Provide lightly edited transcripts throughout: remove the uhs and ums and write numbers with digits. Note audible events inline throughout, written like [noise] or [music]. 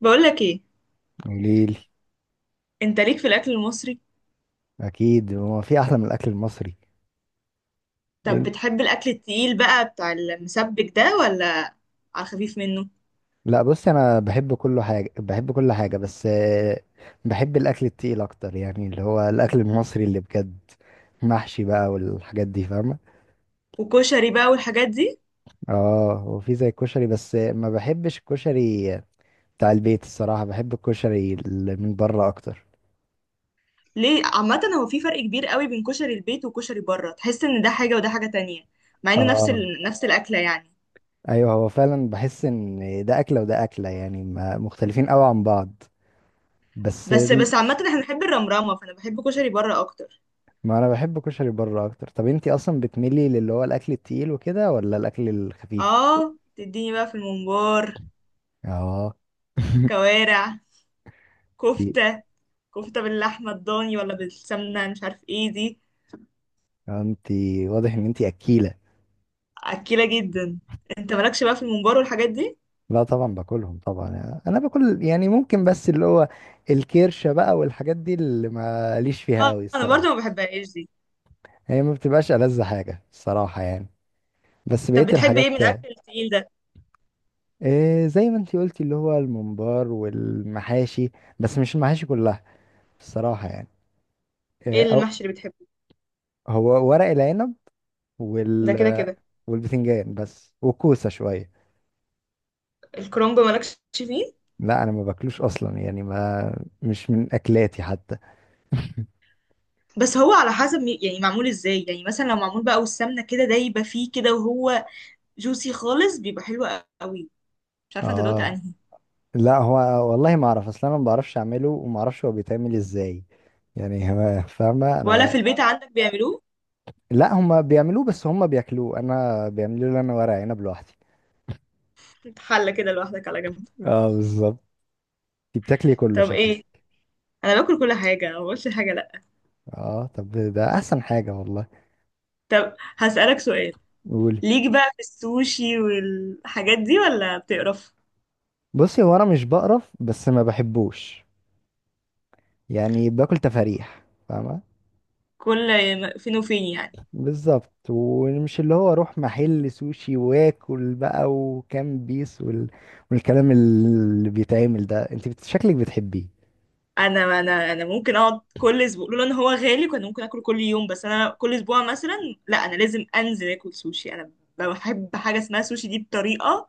بقولك ايه؟ قوليلي. انت ليك في الاكل المصري؟ اكيد هو في احلى من الاكل المصري. طب إن- بتحب الاكل التقيل بقى بتاع المسبك ده ولا على الخفيف منه؟ لا بصي، انا بحب كل حاجه بحب كل حاجه بس بحب الاكل التقيل اكتر، يعني اللي هو الاكل المصري اللي بجد. محشي بقى والحاجات دي، فاهمه. وكشري بقى والحاجات دي. اه هو في زي الكشري بس ما بحبش الكشري بتاع البيت الصراحه، بحب الكشري اللي من بره اكتر. ليه؟ عامه هو في فرق كبير قوي بين كشري البيت وكشري بره، تحس ان ده حاجه وده حاجه تانية، مع انه نفس اه نفس الاكله يعني. ايوه، هو فعلا بحس ان ده اكله وده اكله، يعني مختلفين قوي عن بعض. بس بس ال- بس عامه احنا بنحب الرمرامه، فانا بحب كشري بره اكتر. ما انا بحب كشري بره اكتر. طب انتي اصلا بتميلي للي هو الاكل التقيل وكده ولا الاكل الخفيف؟ اه، تديني بقى في الممبار، اه. [laughs] كوارع، انتي، كفته كفته باللحمه الضاني ولا بالسمنه مش عارف ايه دي. واضح ان انتي اكيلة. اكيله جدا. انت مالكش بقى في الممبار والحاجات دي؟ لا طبعا باكلهم طبعا، انا باكل يعني ممكن، بس اللي هو الكرشة بقى والحاجات دي اللي ماليش فيها اه، قوي انا برضو الصراحة. ما بحبهاش دي. هي ما بتبقاش ألذ حاجة الصراحة يعني، بس طب بقية بتحب الحاجات. ايه من الاكل التقيل ده؟ إيه زي ما انتي قلتي، اللي هو الممبار والمحاشي، بس مش المحاشي كلها الصراحة يعني. إيه ايه أو المحشي اللي بتحبه؟ هو ورق العنب، ده وال كده كده. والبتنجان بس، وكوسة شوية. الكرنب مالكش فيه؟ لا انا ما باكلوش اصلا، يعني ما مش من اكلاتي حتى. بس هو على حسب يعني معمول ازاي، يعني مثلا لو معمول بقى والسمنه كده دايبه فيه كده، وهو جوسي خالص، بيبقى حلو قوي. مش عارفه انت دوت اه انهي. لا هو، والله ما اعرف اصلا، انا ما بعرفش اعمله وما اعرفش هو بيتعمل ازاي يعني. [laughs] فاهمة ولا انا. في البيت عندك بيعملوه؟ لا هما بيعملوه، بس هما بياكلوه، انا بيعملوا لي انا ورق عنب لوحدي. انت حله كده لوحدك على جنب؟ اه بالظبط. انت بتاكلي كله طب شكلك. ايه، انا باكل كل حاجه، ما بقولش حاجه لا. اه طب ده احسن حاجة والله. طب هسألك سؤال، قولي. ليك بقى في السوشي والحاجات دي ولا بتقرف؟ بصي هو انا مش بقرف، بس ما بحبوش، يعني باكل تفاريح، فاهمة. كل فين وفين يعني. بالظبط، ومش اللي هو اروح محل سوشي واكل بقى وكام بيس والكلام اللي بيتعمل ده. انت شكلك بتحبيه. انا ممكن اقعد كل اسبوع، لولا ان هو غالي كان ممكن اكله كل يوم، بس انا كل اسبوع مثلا. لا، انا لازم انزل اكل سوشي، انا بحب حاجه اسمها سوشي دي بطريقه،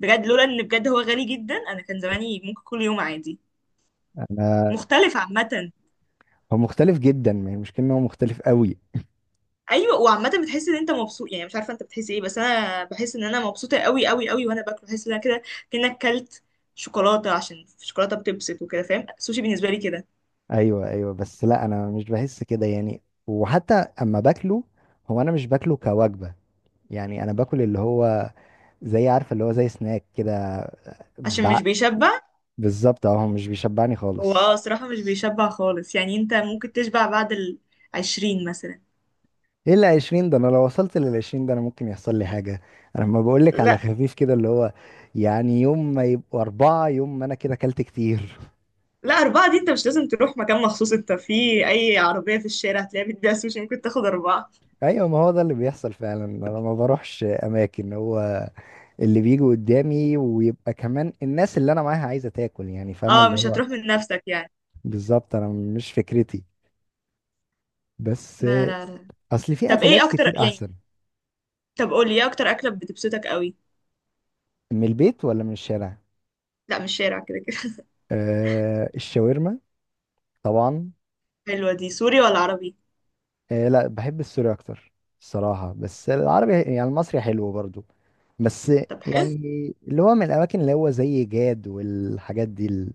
بجد لولا ان بجد هو غالي جدا انا كان زماني ممكن كل يوم عادي. انا مختلف عامه. هو مختلف جدا، ما هي المشكله ان هو مختلف قوي. ايوه، وعامه بتحس ان انت مبسوط، يعني مش عارفه انت بتحس ايه، بس انا بحس ان انا مبسوطه قوي قوي قوي. وانا باكل بحس ان انا كده كانك كلت شوكولاته، عشان الشوكولاته بتبسط وكده، فاهم؟ السوشي بالنسبه لي كده. ايوه ايوه، بس لا انا مش بحس كده يعني. وحتى اما باكله، هو انا مش باكله كوجبه، يعني انا باكل اللي هو زي، عارفه اللي هو زي سناك كده. عشان مش بع- بيشبع. بالظبط، اهو مش بيشبعني هو خالص. الصراحة مش بيشبع خالص، يعني انت ممكن تشبع بعد 20 مثلا. ايه ال 20 ده؟ انا لو وصلت لل 20 ده انا ممكن يحصل لي حاجه. انا لما بقول لك على لا، خفيف كده اللي هو يعني يوم ما يبقوا اربعه، يوم ما انا كده اكلت كتير. لا، أربعة دي انت مش لازم تروح مكان مخصوص، انت في أي عربية في الشارع هتلاقيها بتبيع سوشي، ممكن تاخد أربعة. [laughs] ايوه، ما هو ده اللي بيحصل فعلا، انا ما بروحش اماكن، هو اللي بيجي قدامي ويبقى كمان الناس اللي انا معاها عايزه تاكل، يعني فاهمه اه، اللي مش هو. هتروح من نفسك يعني. بالظبط، انا مش فكرتي، بس لا، لا، لا. اصل في طب ايه اكلات أكتر كتير يعني؟ احسن. طب قولي ايه أكتر أكلة بتبسطك قوي؟ من البيت ولا من الشارع؟ لا، مش شارع، كده كده. أه الشاورما طبعا. [laughs] حلوة دي، سوري ولا عربي؟ إيه لا بحب السوري اكتر الصراحه، بس العربي يعني المصري حلو برضو. بس طب حلو. يعني اللي هو من الاماكن اللي هو زي جاد والحاجات دي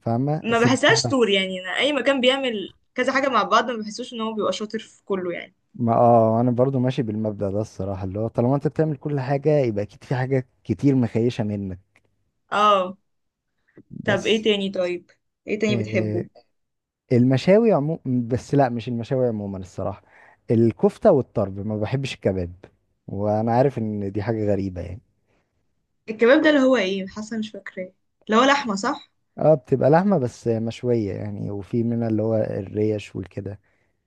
فاهمه ما بحسهاش السمسمه. سوري، يعني أنا أي مكان بيعمل كذا حاجة مع بعض ما بحسوش إن هو بيبقى شاطر في كله يعني. ما اه، انا برضو ماشي بالمبدأ ده الصراحه، اللي هو طالما انت بتعمل كل حاجه يبقى اكيد في حاجه كتير مخيشه منك. اه، طب ايه بس تاني طيب؟ ايه تاني بتحبه؟ إيه، المشاوي عموما، بس لا مش المشاوي عموما الصراحه، الكفته والطرب، ما بحبش الكباب. وانا عارف ان دي حاجه غريبه يعني. الكباب ده اللي هو ايه، حاسه مش فاكراه، اللي هو لحمه صح؟ اه بتبقى لحمة بس مشوية يعني، وفي منها اللي هو الريش والكده،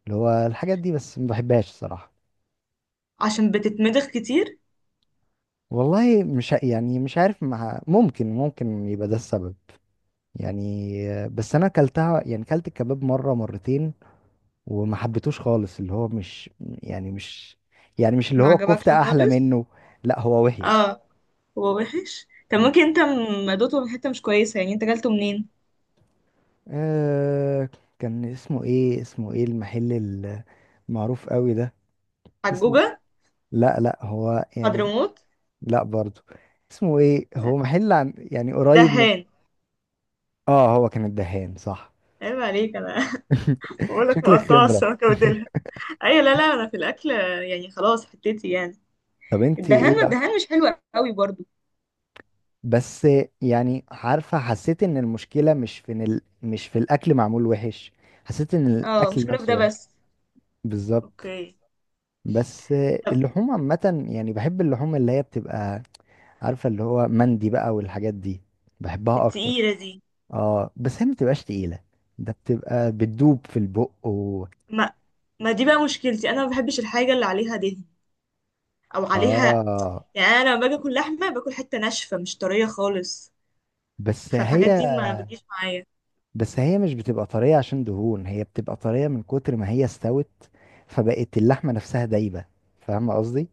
اللي هو الحاجات دي، بس ما بحبهاش صراحة. عشان بتتمضغ كتير؟ والله مش يعني مش عارف، مع ممكن ممكن يبقى ده السبب يعني بس انا اكلتها يعني، اكلت الكباب مرة مرتين وما حبيتوش خالص. اللي هو مش يعني مش اللي ما هو عجبكش الكفتة احلى خالص. منه. لا هو وحش. اه، هو وحش. طب ممكن انت دوقته من حته مش كويسه، يعني انت جالته منين؟ آه كان اسمه ايه، المحل المعروف قوي ده. اسمه حجوجه؟ لا لا هو يعني. حضرموت؟ لا برضو. اسمه ايه؟ هو محل عن يعني قريب من. دهان؟ اه هو كان الدهان صح. عيب عليك انا. [laughs] [laughs] بقول لك شكلك مقطعه خبرة. السمكه وديلها. ايوه، لا، لا، انا في الاكل يعني خلاص، حتتي يعني. طب انت الدهان، ايه ما الدهان مش حلو قوي برضو. بس يعني، عارفة حسيت ان المشكلة مش في إن مش في الاكل معمول وحش، حسيت ان اه، الاكل مشكله في نفسه ده وحش. بس. بالظبط. اوكي. بس طب. اللحوم عامة يعني بحب، اللحوم اللي هي بتبقى، عارفة اللي هو مندي بقى والحاجات دي، بحبها اكتر. التقيله دي. اه بس هي ما بتبقاش تقيلة، ده بتبقى بتدوب في البق ما ما دي بقى مشكلتي، انا ما بحبش الحاجه اللي عليها دهن او عليها. اه. يعني انا لما باجي اكل لحمه، باكل حته ناشفه مش طريه خالص. بس هي فالحاجات دي ما بتجيش معايا. بس هي مش بتبقى طرية عشان دهون، هي بتبقى طرية من كتر ما هي استوت، فبقت اللحمة نفسها دايبة. فاهم قصدي؟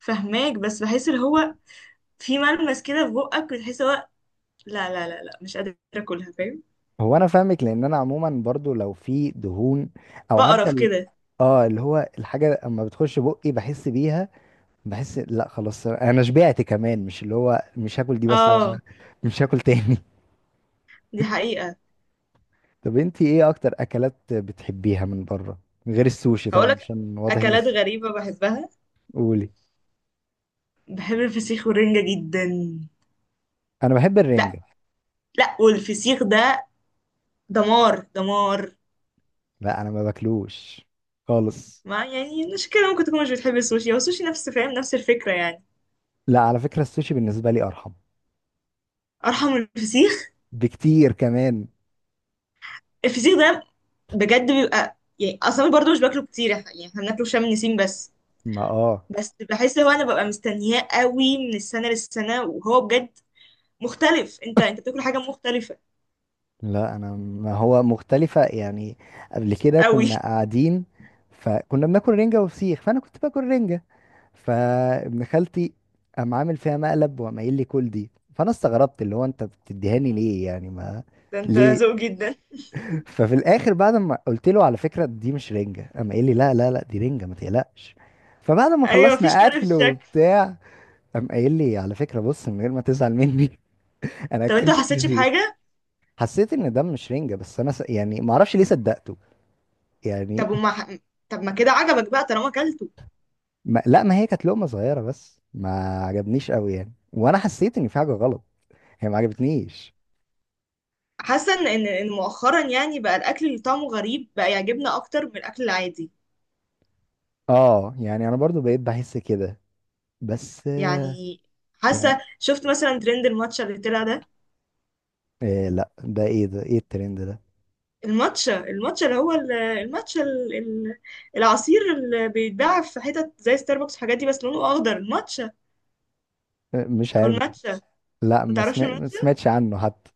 فهماك، بس بحس اللي هو في ملمس كده في بقك بتحس هو. لا، لا، لا، لا، مش قادره اكلها، فاهم؟ هو انا فاهمك، لان انا عموما برضو لو في دهون او عارفة بقرف كده. اه اللي هو الحاجة اما بتخش بقي بحس بيها، بحس لا خلاص انا شبعت، كمان مش اللي هو مش هاكل دي، بس لا، أنا اه، مش هاكل تاني. دي حقيقه. [laughs] طب انتي ايه اكتر اكلات بتحبيها من بره؟ غير السوشي طبعا، هقولك، عشان واضح ان اكلات غريبه بحبها. قولي. بحب الفسيخ والرنجه جدا. انا بحب لا. الرنجة. لا، والفسيخ ده دمار دمار. لا انا ما باكلوش خالص. ما يعني مش كده، ممكن تكون مش بتحب السوشي، هو السوشي نفس، فاهم؟ نفس الفكره يعني. لا على فكرة السوشي بالنسبة لي ارحم ارحم من الفسيخ. بكتير كمان. الفسيخ ده بجد بيبقى يعني، اصلا برضو مش باكله كتير، يعني احنا بناكله في شم النسيم بس. ما اه بس بحس، هو انا ببقى مستنياه قوي من السنه للسنه، وهو بجد مختلف. انت بتاكل حاجه مختلفه لا انا، ما هو مختلفة يعني. قبل كده قوي. كنا [laughs] قاعدين، فكنا بناكل رنجة وفسيخ، فانا كنت باكل رنجة، فابن خالتي قام عامل فيها مقلب وقام قايل لي كل دي، فانا استغربت اللي هو انت بتديهاني ليه، يعني ما ده انت ليه. ذوق جدا. ففي الاخر بعد ما قلت له على فكرة دي مش رنجة، قام قايل لي لا لا لا دي رنجة ما تقلقش. فبعد ما ايوه، مفيش خلصنا فرق في اكل الشكل. وبتاع قام قايل لي على فكرة بص، من غير ما تزعل مني، [laughs] أنا طب انت ما أكلتك حسيتش فسيخ. بحاجه؟ حسيت إن ده مش رنجة، بس أنا يعني ما أعرفش ليه صدقته يعني. طب وما طب ما كده عجبك بقى طالما اكلته. ما... لا، ما هي كانت لقمة صغيرة بس ما عجبنيش قوي يعني، وأنا حسيت إن في حاجة غلط، هي ما عجبتنيش. حاسه ان ان إن مؤخرا يعني بقى الاكل اللي طعمه غريب بقى يعجبنا اكتر من الاكل العادي آه يعني أنا برضو بقيت بحس كده، بس يعني. يعني. حاسه، شفت مثلا ترند الماتشا اللي طلع ده؟ إيه لا ده إيه، ده إيه الترند ده؟ الماتشا اللي هو العصير اللي بيتباع في حتت زي ستاربكس والحاجات دي، بس لونه اخضر، الماتشا مش او عارف. الماتشا. لا ما تعرفش ما الماتشا؟ سمعتش عنه حتى.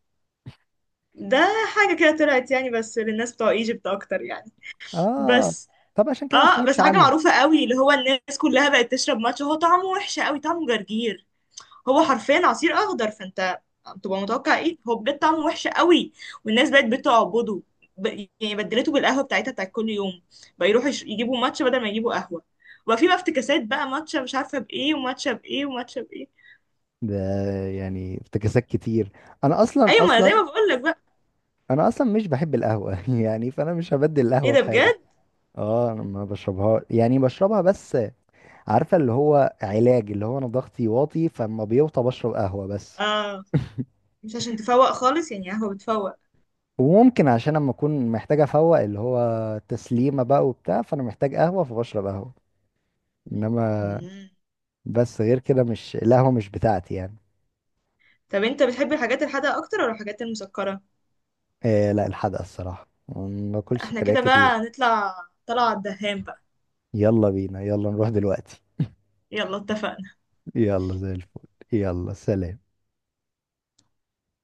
ده حاجه كده طلعت يعني بس للناس بتوع ايجيبت اكتر يعني. آه بس. طب عشان كده ما اه، سمعتش بس حاجه عنه. معروفه قوي، اللي هو الناس كلها بقت تشرب ماتشا. هو طعمه وحش قوي، طعمه جرجير، هو حرفيا عصير اخضر. فانت بتبقى متوقع ايه؟ هو بجد طعمه وحش قوي، والناس بقت بتعبده. ب... يعني بدلته بالقهوه بتاعتها بتاعت كل يوم. بقى يروحوا يجيبوا ماتشا بدل ما يجيبوا قهوه. وبقى في بقى افتكاسات بقى، ماتشا مش عارفه بايه، وماتشا بايه، وماتشا بايه. ده يعني افتكاسات كتير. انا اصلا ايوه، ما اصلا زي ما بقول لك بقى. انا اصلا مش بحب القهوه. [laughs] يعني فانا مش هبدل ايه القهوه ده بحاجه. بجد. اه انا ما بشربها، يعني بشربها بس عارفه اللي هو علاج، اللي هو انا ضغطي واطي، فاما بيوطى بشرب قهوه، بس اه، مش عشان تفوق خالص يعني، قهوه بتفوق. وممكن عشان اما اكون محتاج افوق اللي هو تسليمه بقى وبتاع، فانا محتاج قهوه فبشرب قهوه. انما مم. بس غير كده مش القهوه مش بتاعتي يعني. طب انت بتحب الحاجات الحادقه اكتر ولا الحاجات المسكره؟ إيه لا الحدقه الصراحه، ما باكلش احنا سكريات كده كتير. بقى نطلع طلعه على الدهان بقى. يلا بينا، يلا نروح دلوقتي. يلا، اتفقنا. يلا زي الفل. يلا سلام.